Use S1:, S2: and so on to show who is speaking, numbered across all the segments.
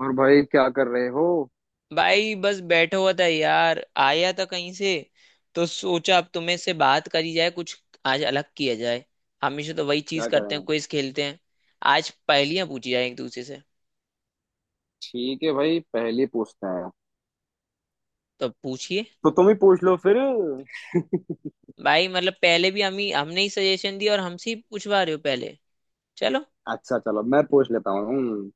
S1: और भाई क्या कर रहे हो?
S2: भाई बस बैठा हुआ था यार, आया था कहीं से। तो सोचा अब तुम्हें से बात करी जाए कुछ। आज अलग किया जाए। हमेशा तो वही चीज
S1: क्या
S2: करते हैं,
S1: करें?
S2: क्विज खेलते हैं। आज पहेलियां पूछी जाए एक दूसरे से।
S1: ठीक है भाई, पहली पूछते हैं।
S2: तो पूछिए।
S1: तो तुम ही पूछ लो फिर।
S2: भाई मतलब पहले भी हम ही, हमने ही सजेशन दिया और हमसे ही पूछवा रहे हो पहले। चलो।
S1: अच्छा, चलो मैं पूछ लेता हूँ।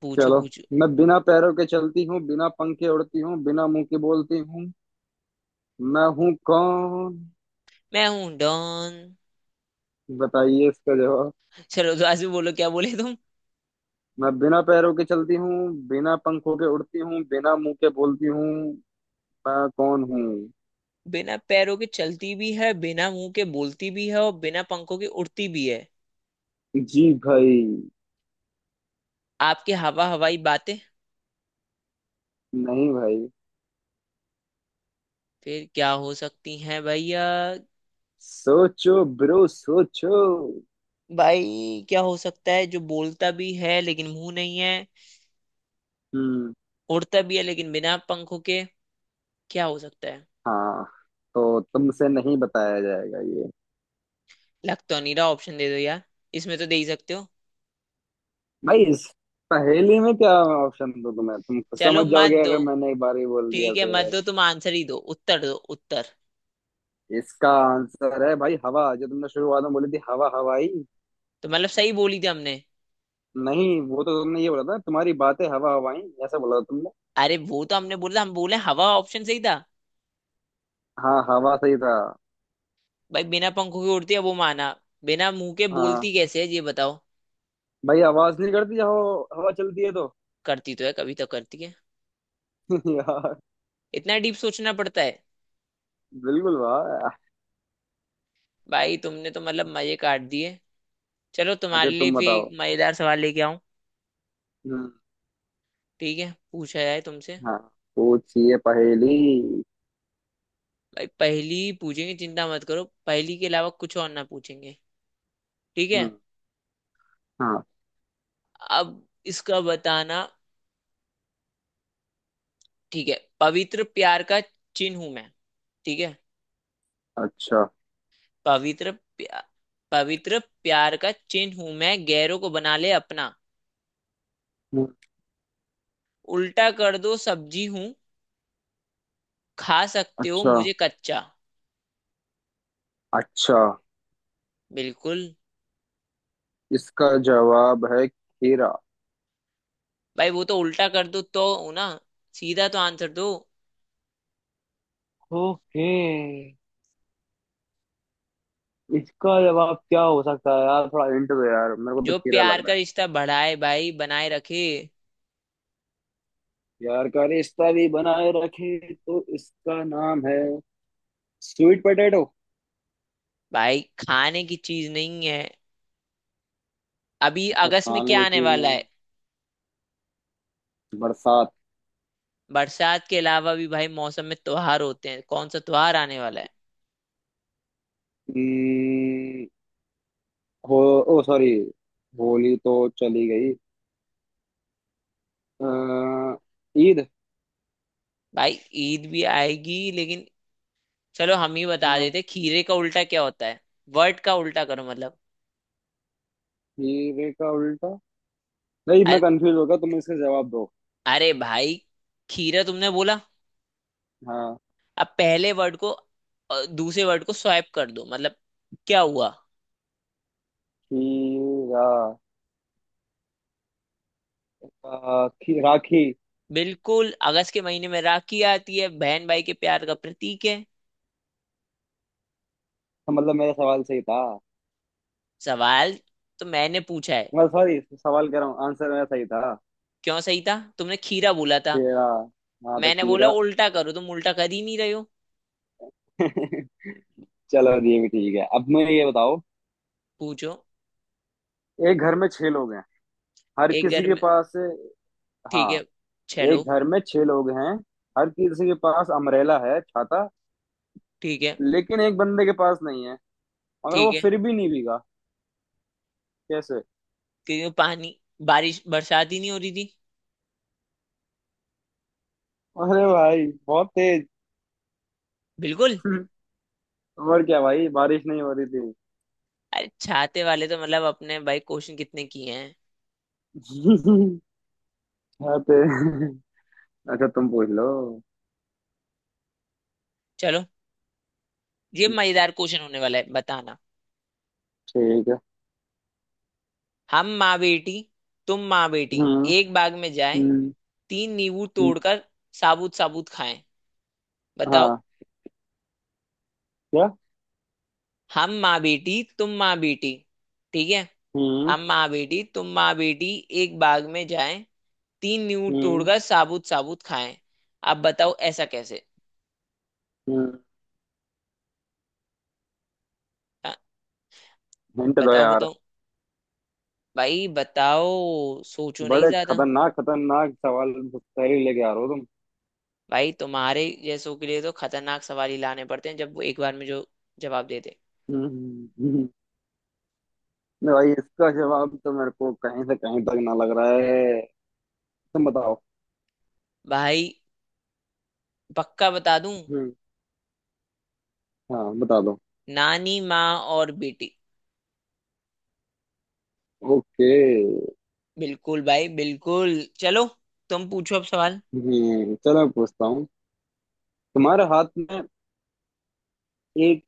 S2: पूछो
S1: चलो।
S2: पूछो।
S1: मैं बिना पैरों के चलती हूँ, बिना पंखे उड़ती हूँ, बिना मुंह के बोलती हूँ। मैं हूँ कौन?
S2: मैं हूं डॉन।
S1: बताइए इसका जवाब।
S2: चलो तो आज भी बोलो, क्या बोले तुम।
S1: मैं बिना पैरों के चलती हूँ, बिना पंखों के उड़ती हूँ, बिना मुंह के बोलती हूँ। मैं कौन हूँ?
S2: बिना पैरों के चलती भी है, बिना मुंह के बोलती भी है, और बिना पंखों के उड़ती भी है।
S1: जी भाई।
S2: आपकी हवा हवाई बातें।
S1: नहीं भाई।
S2: फिर क्या हो सकती हैं भैया।
S1: सोचो ब्रो, सोचो।
S2: भाई क्या हो सकता है जो बोलता भी है लेकिन मुंह नहीं है,
S1: हम्म।
S2: उड़ता भी है लेकिन बिना पंखों के। क्या हो सकता है।
S1: हाँ। तो तुमसे नहीं बताया जाएगा ये?
S2: लग तो नहीं रहा, ऑप्शन दे दो यार। इसमें तो दे ही सकते हो।
S1: भाई, इस पहेली में क्या ऑप्शन दो, तुम्हें तुम
S2: चलो
S1: समझ
S2: मत
S1: जाओगे
S2: दो।
S1: अगर मैंने एक बार ही बोल दिया
S2: ठीक है मत
S1: तो।
S2: दो, तुम आंसर ही दो, उत्तर दो उत्तर।
S1: इसका आंसर है भाई, हवा। जो तुमने शुरुआत में बोली थी, हवा हवाई।
S2: तो मतलब सही बोली थी हमने।
S1: नहीं, वो तो तुमने ये बोला था, तुम्हारी बातें हवा हवाई, ऐसा बोला था तुमने।
S2: अरे वो तो हमने बोला, हम बोले हवा ऑप्शन सही था।
S1: हाँ, हवा सही था।
S2: भाई बिना पंखों के उड़ती है वो माना। बिना मुंह के
S1: हाँ।
S2: बोलती कैसे है, ये बताओ।
S1: भाई आवाज नहीं करती जब हवा हवा चलती है तो।
S2: करती तो है, कभी तो करती है।
S1: यार।
S2: इतना डीप सोचना पड़ता है।
S1: बिल्कुल, वाह।
S2: भाई तुमने तो मतलब मजे काट दिए। चलो तुम्हारे
S1: अच्छा,
S2: लिए
S1: तुम
S2: भी एक
S1: बताओ।
S2: मजेदार सवाल लेके आऊं।
S1: हम्म,
S2: ठीक है, पूछा जाए तुमसे।
S1: हाँ। पूछिए पहेली।
S2: भाई पहेली ही पूछेंगे, चिंता मत करो, पहेली के अलावा कुछ और ना पूछेंगे। ठीक है।
S1: हम्म, हाँ।
S2: अब इसका बताना। ठीक है, पवित्र प्यार का चिन्ह हूं मैं। ठीक है।
S1: अच्छा।
S2: पवित्र प्या, पवित्र प्यार का चिन्ह हूं मैं, गैरों को बना ले अपना।
S1: हम्म,
S2: उल्टा कर दो सब्जी हूं। खा सकते हो
S1: अच्छा।
S2: मुझे कच्चा।
S1: अच्छा।
S2: बिल्कुल।
S1: इसका जवाब है खीरा।
S2: भाई वो तो उल्टा कर दो तो हो ना। सीधा तो आंसर दो।
S1: ओके। इसका जवाब क्या हो सकता है यार? थोड़ा हिंट दो यार, मेरे को तो
S2: जो
S1: खीरा
S2: प्यार
S1: लग
S2: का
S1: रहा।
S2: रिश्ता बढ़ाए भाई, बनाए रखे।
S1: प्यार का रिश्ता भी बनाए रखे तो इसका नाम है, स्वीट पोटैटो है।
S2: भाई खाने की चीज नहीं है। अभी
S1: अच्छा,
S2: अगस्त में
S1: खाने
S2: क्या
S1: की
S2: आने
S1: चीज में।
S2: वाला है।
S1: बरसात।
S2: बरसात के अलावा भी भाई मौसम में त्योहार होते हैं, कौन सा त्योहार आने वाला है।
S1: हम्म, हो। ओ सॉरी। होली तो चली गई। अ, ईद।
S2: भाई ईद भी आएगी, लेकिन चलो हम ही बता
S1: हाँ।
S2: देते, खीरे का उल्टा क्या होता है। वर्ड का उल्टा करो मतलब।
S1: हीरे का उल्टा। नहीं, मैं
S2: अरे।
S1: कंफ्यूज हो गया, तुम इसका जवाब दो।
S2: अरे भाई। खीरा तुमने बोला।
S1: हाँ।
S2: अब पहले वर्ड को दूसरे वर्ड को स्वैप कर दो मतलब। क्या हुआ।
S1: खीरा। राखी।
S2: बिल्कुल अगस्त के महीने में राखी आती है, बहन भाई के प्यार का प्रतीक है।
S1: तो मतलब मेरा सवाल सही था।
S2: सवाल तो मैंने पूछा है।
S1: मैं सॉरी, सवाल कह रहा हूँ, आंसर मेरा सही था।
S2: क्यों सही था, तुमने खीरा बोला था।
S1: खीरा। हाँ तो
S2: मैंने बोला
S1: खीरा।
S2: उल्टा करो, तुम उल्टा कर ही नहीं रहे हो।
S1: चलो, ये भी ठीक है। अब मुझे ये बताओ।
S2: पूछो।
S1: एक घर में छह लोग हैं। हर
S2: एक
S1: किसी
S2: घर
S1: के
S2: में।
S1: पास।
S2: ठीक है।
S1: हाँ।
S2: छह
S1: एक
S2: लोग।
S1: घर में छह लोग हैं। हर किसी के पास अमरेला है, छाता।
S2: ठीक है।
S1: लेकिन एक बंदे के पास नहीं है। मगर
S2: ठीक
S1: वो
S2: है।
S1: फिर भी नहीं भीगा। कैसे?
S2: क्यों, पानी। बारिश बरसात ही नहीं हो रही थी।
S1: अरे भाई, बहुत तेज।
S2: बिल्कुल।
S1: और क्या भाई, बारिश नहीं हो रही थी।
S2: अरे छाते वाले तो मतलब, अपने भाई क्वेश्चन कितने किए हैं।
S1: बहुत तेज। अच्छा, तुम पूछ लो।
S2: चलो ये मजेदार क्वेश्चन होने वाला है, बताना।
S1: ठीक है।
S2: हम माँ बेटी तुम माँ बेटी
S1: हम्म,
S2: एक बाग में जाए,
S1: हम्म,
S2: तीन नींबू
S1: हम्म,
S2: तोड़कर साबुत साबुत खाएं। बताओ।
S1: हाँ। क्या?
S2: हम माँ बेटी तुम माँ बेटी। ठीक है।
S1: हम्म,
S2: हम माँ बेटी तुम माँ बेटी एक बाग में जाएं, तीन नींव
S1: हम्म,
S2: तोड़कर साबुत साबुत खाएं। अब बताओ ऐसा कैसे।
S1: हम्म।
S2: हाँ,
S1: हिंट दो
S2: बताओ
S1: यार।
S2: बताओ। भाई बताओ। सोचो नहीं
S1: बड़े
S2: ज्यादा।
S1: खतरनाक खतरनाक सवाल पहले लेके आ रहे हो तुम।
S2: भाई तुम्हारे जैसों के लिए तो खतरनाक सवाल ही लाने पड़ते हैं, जब वो एक बार में जो जवाब देते।
S1: हम्म, हम्म। नहीं भाई, इसका जवाब तो मेरे को कहीं से कहीं तक ना लग रहा है। तुम बताओ।
S2: भाई पक्का बता दूं।
S1: हम्म, हाँ, बता दो।
S2: नानी माँ और बेटी।
S1: ओके।
S2: बिल्कुल भाई बिल्कुल। चलो तुम पूछो अब सवाल।
S1: हम्म, चलो मैं पूछता हूँ। तुम्हारे हाथ में एक,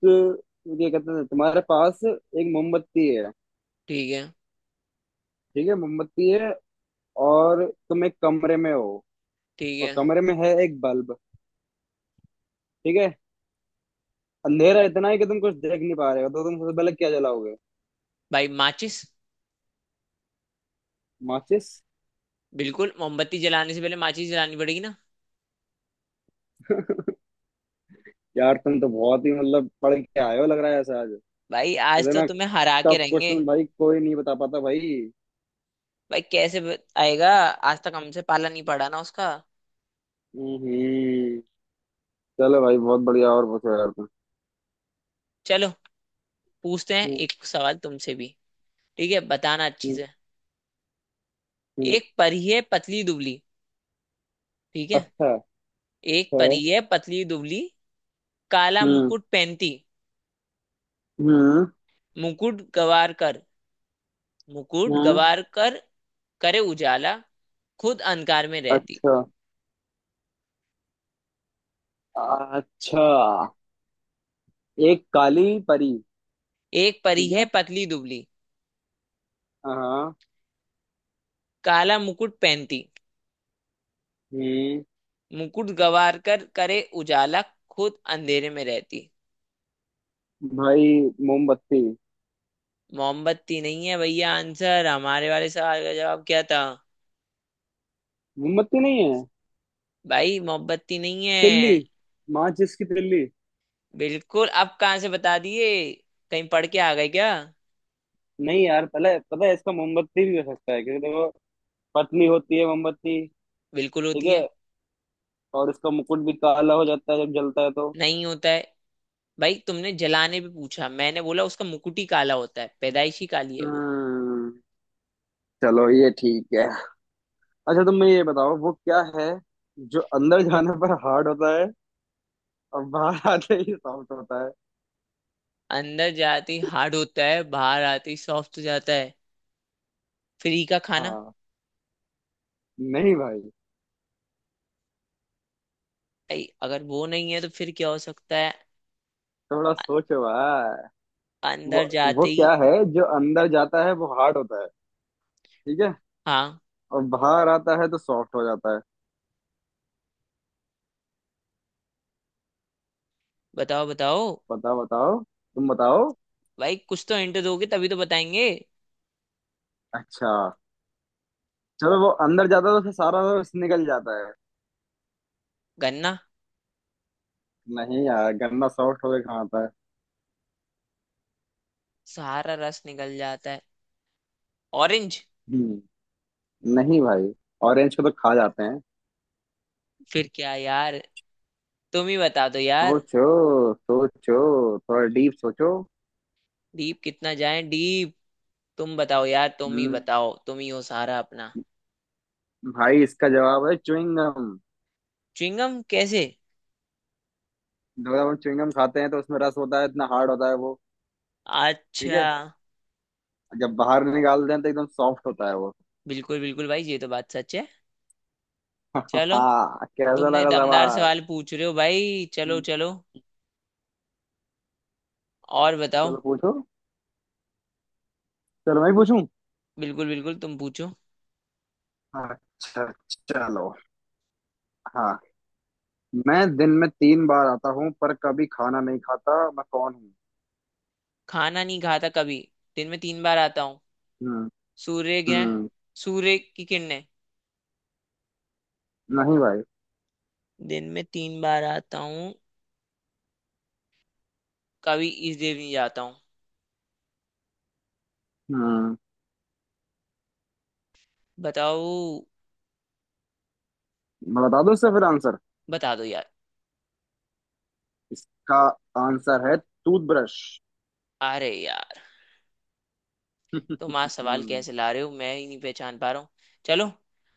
S1: ये कहते हैं तुम्हारे पास एक मोमबत्ती है।
S2: ठीक है।
S1: ठीक है, मोमबत्ती है। और तुम एक कमरे में हो।
S2: ठीक
S1: और
S2: है
S1: कमरे में है एक बल्ब। ठीक है। अंधेरा इतना है कि तुम कुछ देख नहीं पा रहे हो, तो तुम सबसे पहले क्या जलाओगे?
S2: भाई, माचिस।
S1: माचिस।
S2: बिल्कुल, मोमबत्ती जलाने से पहले माचिस जलानी पड़ेगी ना।
S1: यार तुम तो बहुत ही मतलब पढ़ के आए हो, लग रहा है ऐसा आज।
S2: भाई आज तो
S1: इतना
S2: तुम्हें हरा के
S1: टफ
S2: रहेंगे।
S1: क्वेश्चन भाई, कोई नहीं बता पाता भाई।
S2: भाई कैसे आएगा। आज तक हमसे पाला नहीं पड़ा ना उसका।
S1: हम्म। चलो भाई, बहुत बढ़िया। और पूछो यार तुम।
S2: चलो पूछते हैं
S1: हम्म,
S2: एक सवाल तुमसे भी। ठीक है बताना अच्छी से।
S1: हम्म,
S2: एक परी है पतली दुबली। ठीक है।
S1: अच्छा।
S2: एक
S1: अच्छा।
S2: परी है पतली दुबली, काला
S1: हम्म,
S2: मुकुट पहनती।
S1: हम्म।
S2: मुकुट गवार कर मुकुट
S1: हम्म।
S2: गवार कर करे उजाला, खुद अंधकार में रहती।
S1: अच्छा। अच्छा। एक काली परी।
S2: एक परी
S1: ठीक
S2: है
S1: है।
S2: पतली दुबली,
S1: हाँ।
S2: काला मुकुट पहनती,
S1: हम्म।
S2: मुकुट गवारकर करे उजाला, खुद अंधेरे में रहती।
S1: भाई, मोमबत्ती।
S2: मोमबत्ती नहीं है भैया, आंसर हमारे वाले सवाल का जवाब क्या था।
S1: मोमबत्ती नहीं है?
S2: भाई मोमबत्ती नहीं
S1: तिल्ली।
S2: है।
S1: माचिस की तिल्ली।
S2: बिल्कुल, अब कहाँ से बता दिए, कहीं पढ़ के आ गए क्या।
S1: नहीं यार, पहले पता है इसका, मोमबत्ती भी हो सकता है क्योंकि देखो, पतली होती है मोमबत्ती।
S2: बिल्कुल
S1: ठीक
S2: होती
S1: है।
S2: है।
S1: और इसका मुकुट भी काला हो जाता है जब जलता है तो।
S2: नहीं होता है। भाई तुमने जलाने भी पूछा, मैंने बोला उसका मुकुट ही काला होता है, पैदाइशी काली है वो।
S1: हम्म। चलो, ये ठीक है। अच्छा, तुम मैं ये बताओ वो क्या है, जो अंदर जाने पर हार्ड होता है और बाहर आते ही सॉफ्ट होता है।
S2: अंदर जाते ही हार्ड होता है, बाहर आते ही सॉफ्ट हो जाता है। फ्री का खाना।
S1: हाँ। नहीं भाई।
S2: भाई अगर वो नहीं है तो फिर क्या हो सकता है।
S1: थोड़ा सोचो भाई।
S2: अंदर
S1: वो वो
S2: जाते ही।
S1: क्या है, जो अंदर जाता है वो हार्ड होता है। ठीक है।
S2: हाँ।
S1: और बाहर आता है तो सॉफ्ट हो जाता है।
S2: बताओ बताओ।
S1: बताओ बताओ। तुम बताओ।
S2: भाई कुछ तो हिंट दोगे, तभी तो बताएंगे।
S1: अच्छा, चलो, वो अंदर जाता है तो फिर सारा रस निकल जाता है।
S2: गन्ना।
S1: नहीं यार, गन्ना सॉफ्ट होके कहाँ आता है?
S2: सारा रस निकल जाता है। ऑरेंज।
S1: हम्म, नहीं भाई। ऑरेंज को तो खा जाते हैं।
S2: फिर क्या यार, तुम ही बता दो यार।
S1: सोचो सोचो, थोड़ा डीप सोचो।
S2: डीप कितना जाए डीप। तुम बताओ यार, तुम ही
S1: हम्म।
S2: बताओ, तुम ही हो सारा अपना।
S1: भाई, इसका जवाब है च्युइंगम।
S2: च्युइंगम कैसे।
S1: जब हम च्युइंगम खाते हैं तो उसमें रस होता है, इतना हार्ड होता है वो। ठीक
S2: अच्छा।
S1: है। जब बाहर निकालते हैं तो एकदम सॉफ्ट होता है वो।
S2: बिल्कुल बिल्कुल भाई, ये तो बात सच है। चलो,
S1: हाँ, कैसा
S2: तुमने
S1: लगा
S2: दमदार
S1: सवाल?
S2: सवाल पूछ रहे हो भाई, चलो
S1: हम्म,
S2: चलो। और बताओ।
S1: चलो पूछो। चलो, मैं ही पूछूं।
S2: बिल्कुल बिल्कुल तुम पूछो।
S1: अच्छा। चलो। हाँ। मैं दिन में 3 बार आता हूँ, पर कभी खाना नहीं खाता, मैं कौन हूँ?
S2: खाना नहीं खाता कभी। दिन में तीन बार आता हूँ।
S1: हम्म,
S2: सूर्य ग्रहण।
S1: हम्म।
S2: सूर्य की किरणें।
S1: नहीं भाई।
S2: दिन में तीन बार आता हूँ, कभी इस देव नहीं जाता हूँ।
S1: हम्म।
S2: बताओ।
S1: मैं बता दूँ इसका फिर आंसर।
S2: बता दो यार।
S1: इसका आंसर है टूथब्रश।
S2: अरे यार। तुम आज सवाल
S1: हम्म।
S2: कैसे ला रहे हो, मैं ही नहीं पहचान पा रहा हूँ। चलो।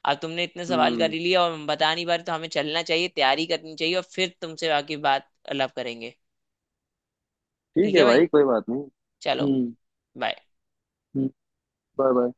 S2: अब तुमने इतने सवाल कर
S1: हम्म।
S2: ही लिया और हम बता नहीं पा रहे, तो हमें चलना चाहिए, तैयारी करनी चाहिए और फिर तुमसे आगे बात अलग करेंगे।
S1: ठीक
S2: ठीक है
S1: है
S2: भाई।
S1: भाई, कोई बात नहीं।
S2: चलो।
S1: हम्म,
S2: बाय।
S1: हम्म। Bye bye.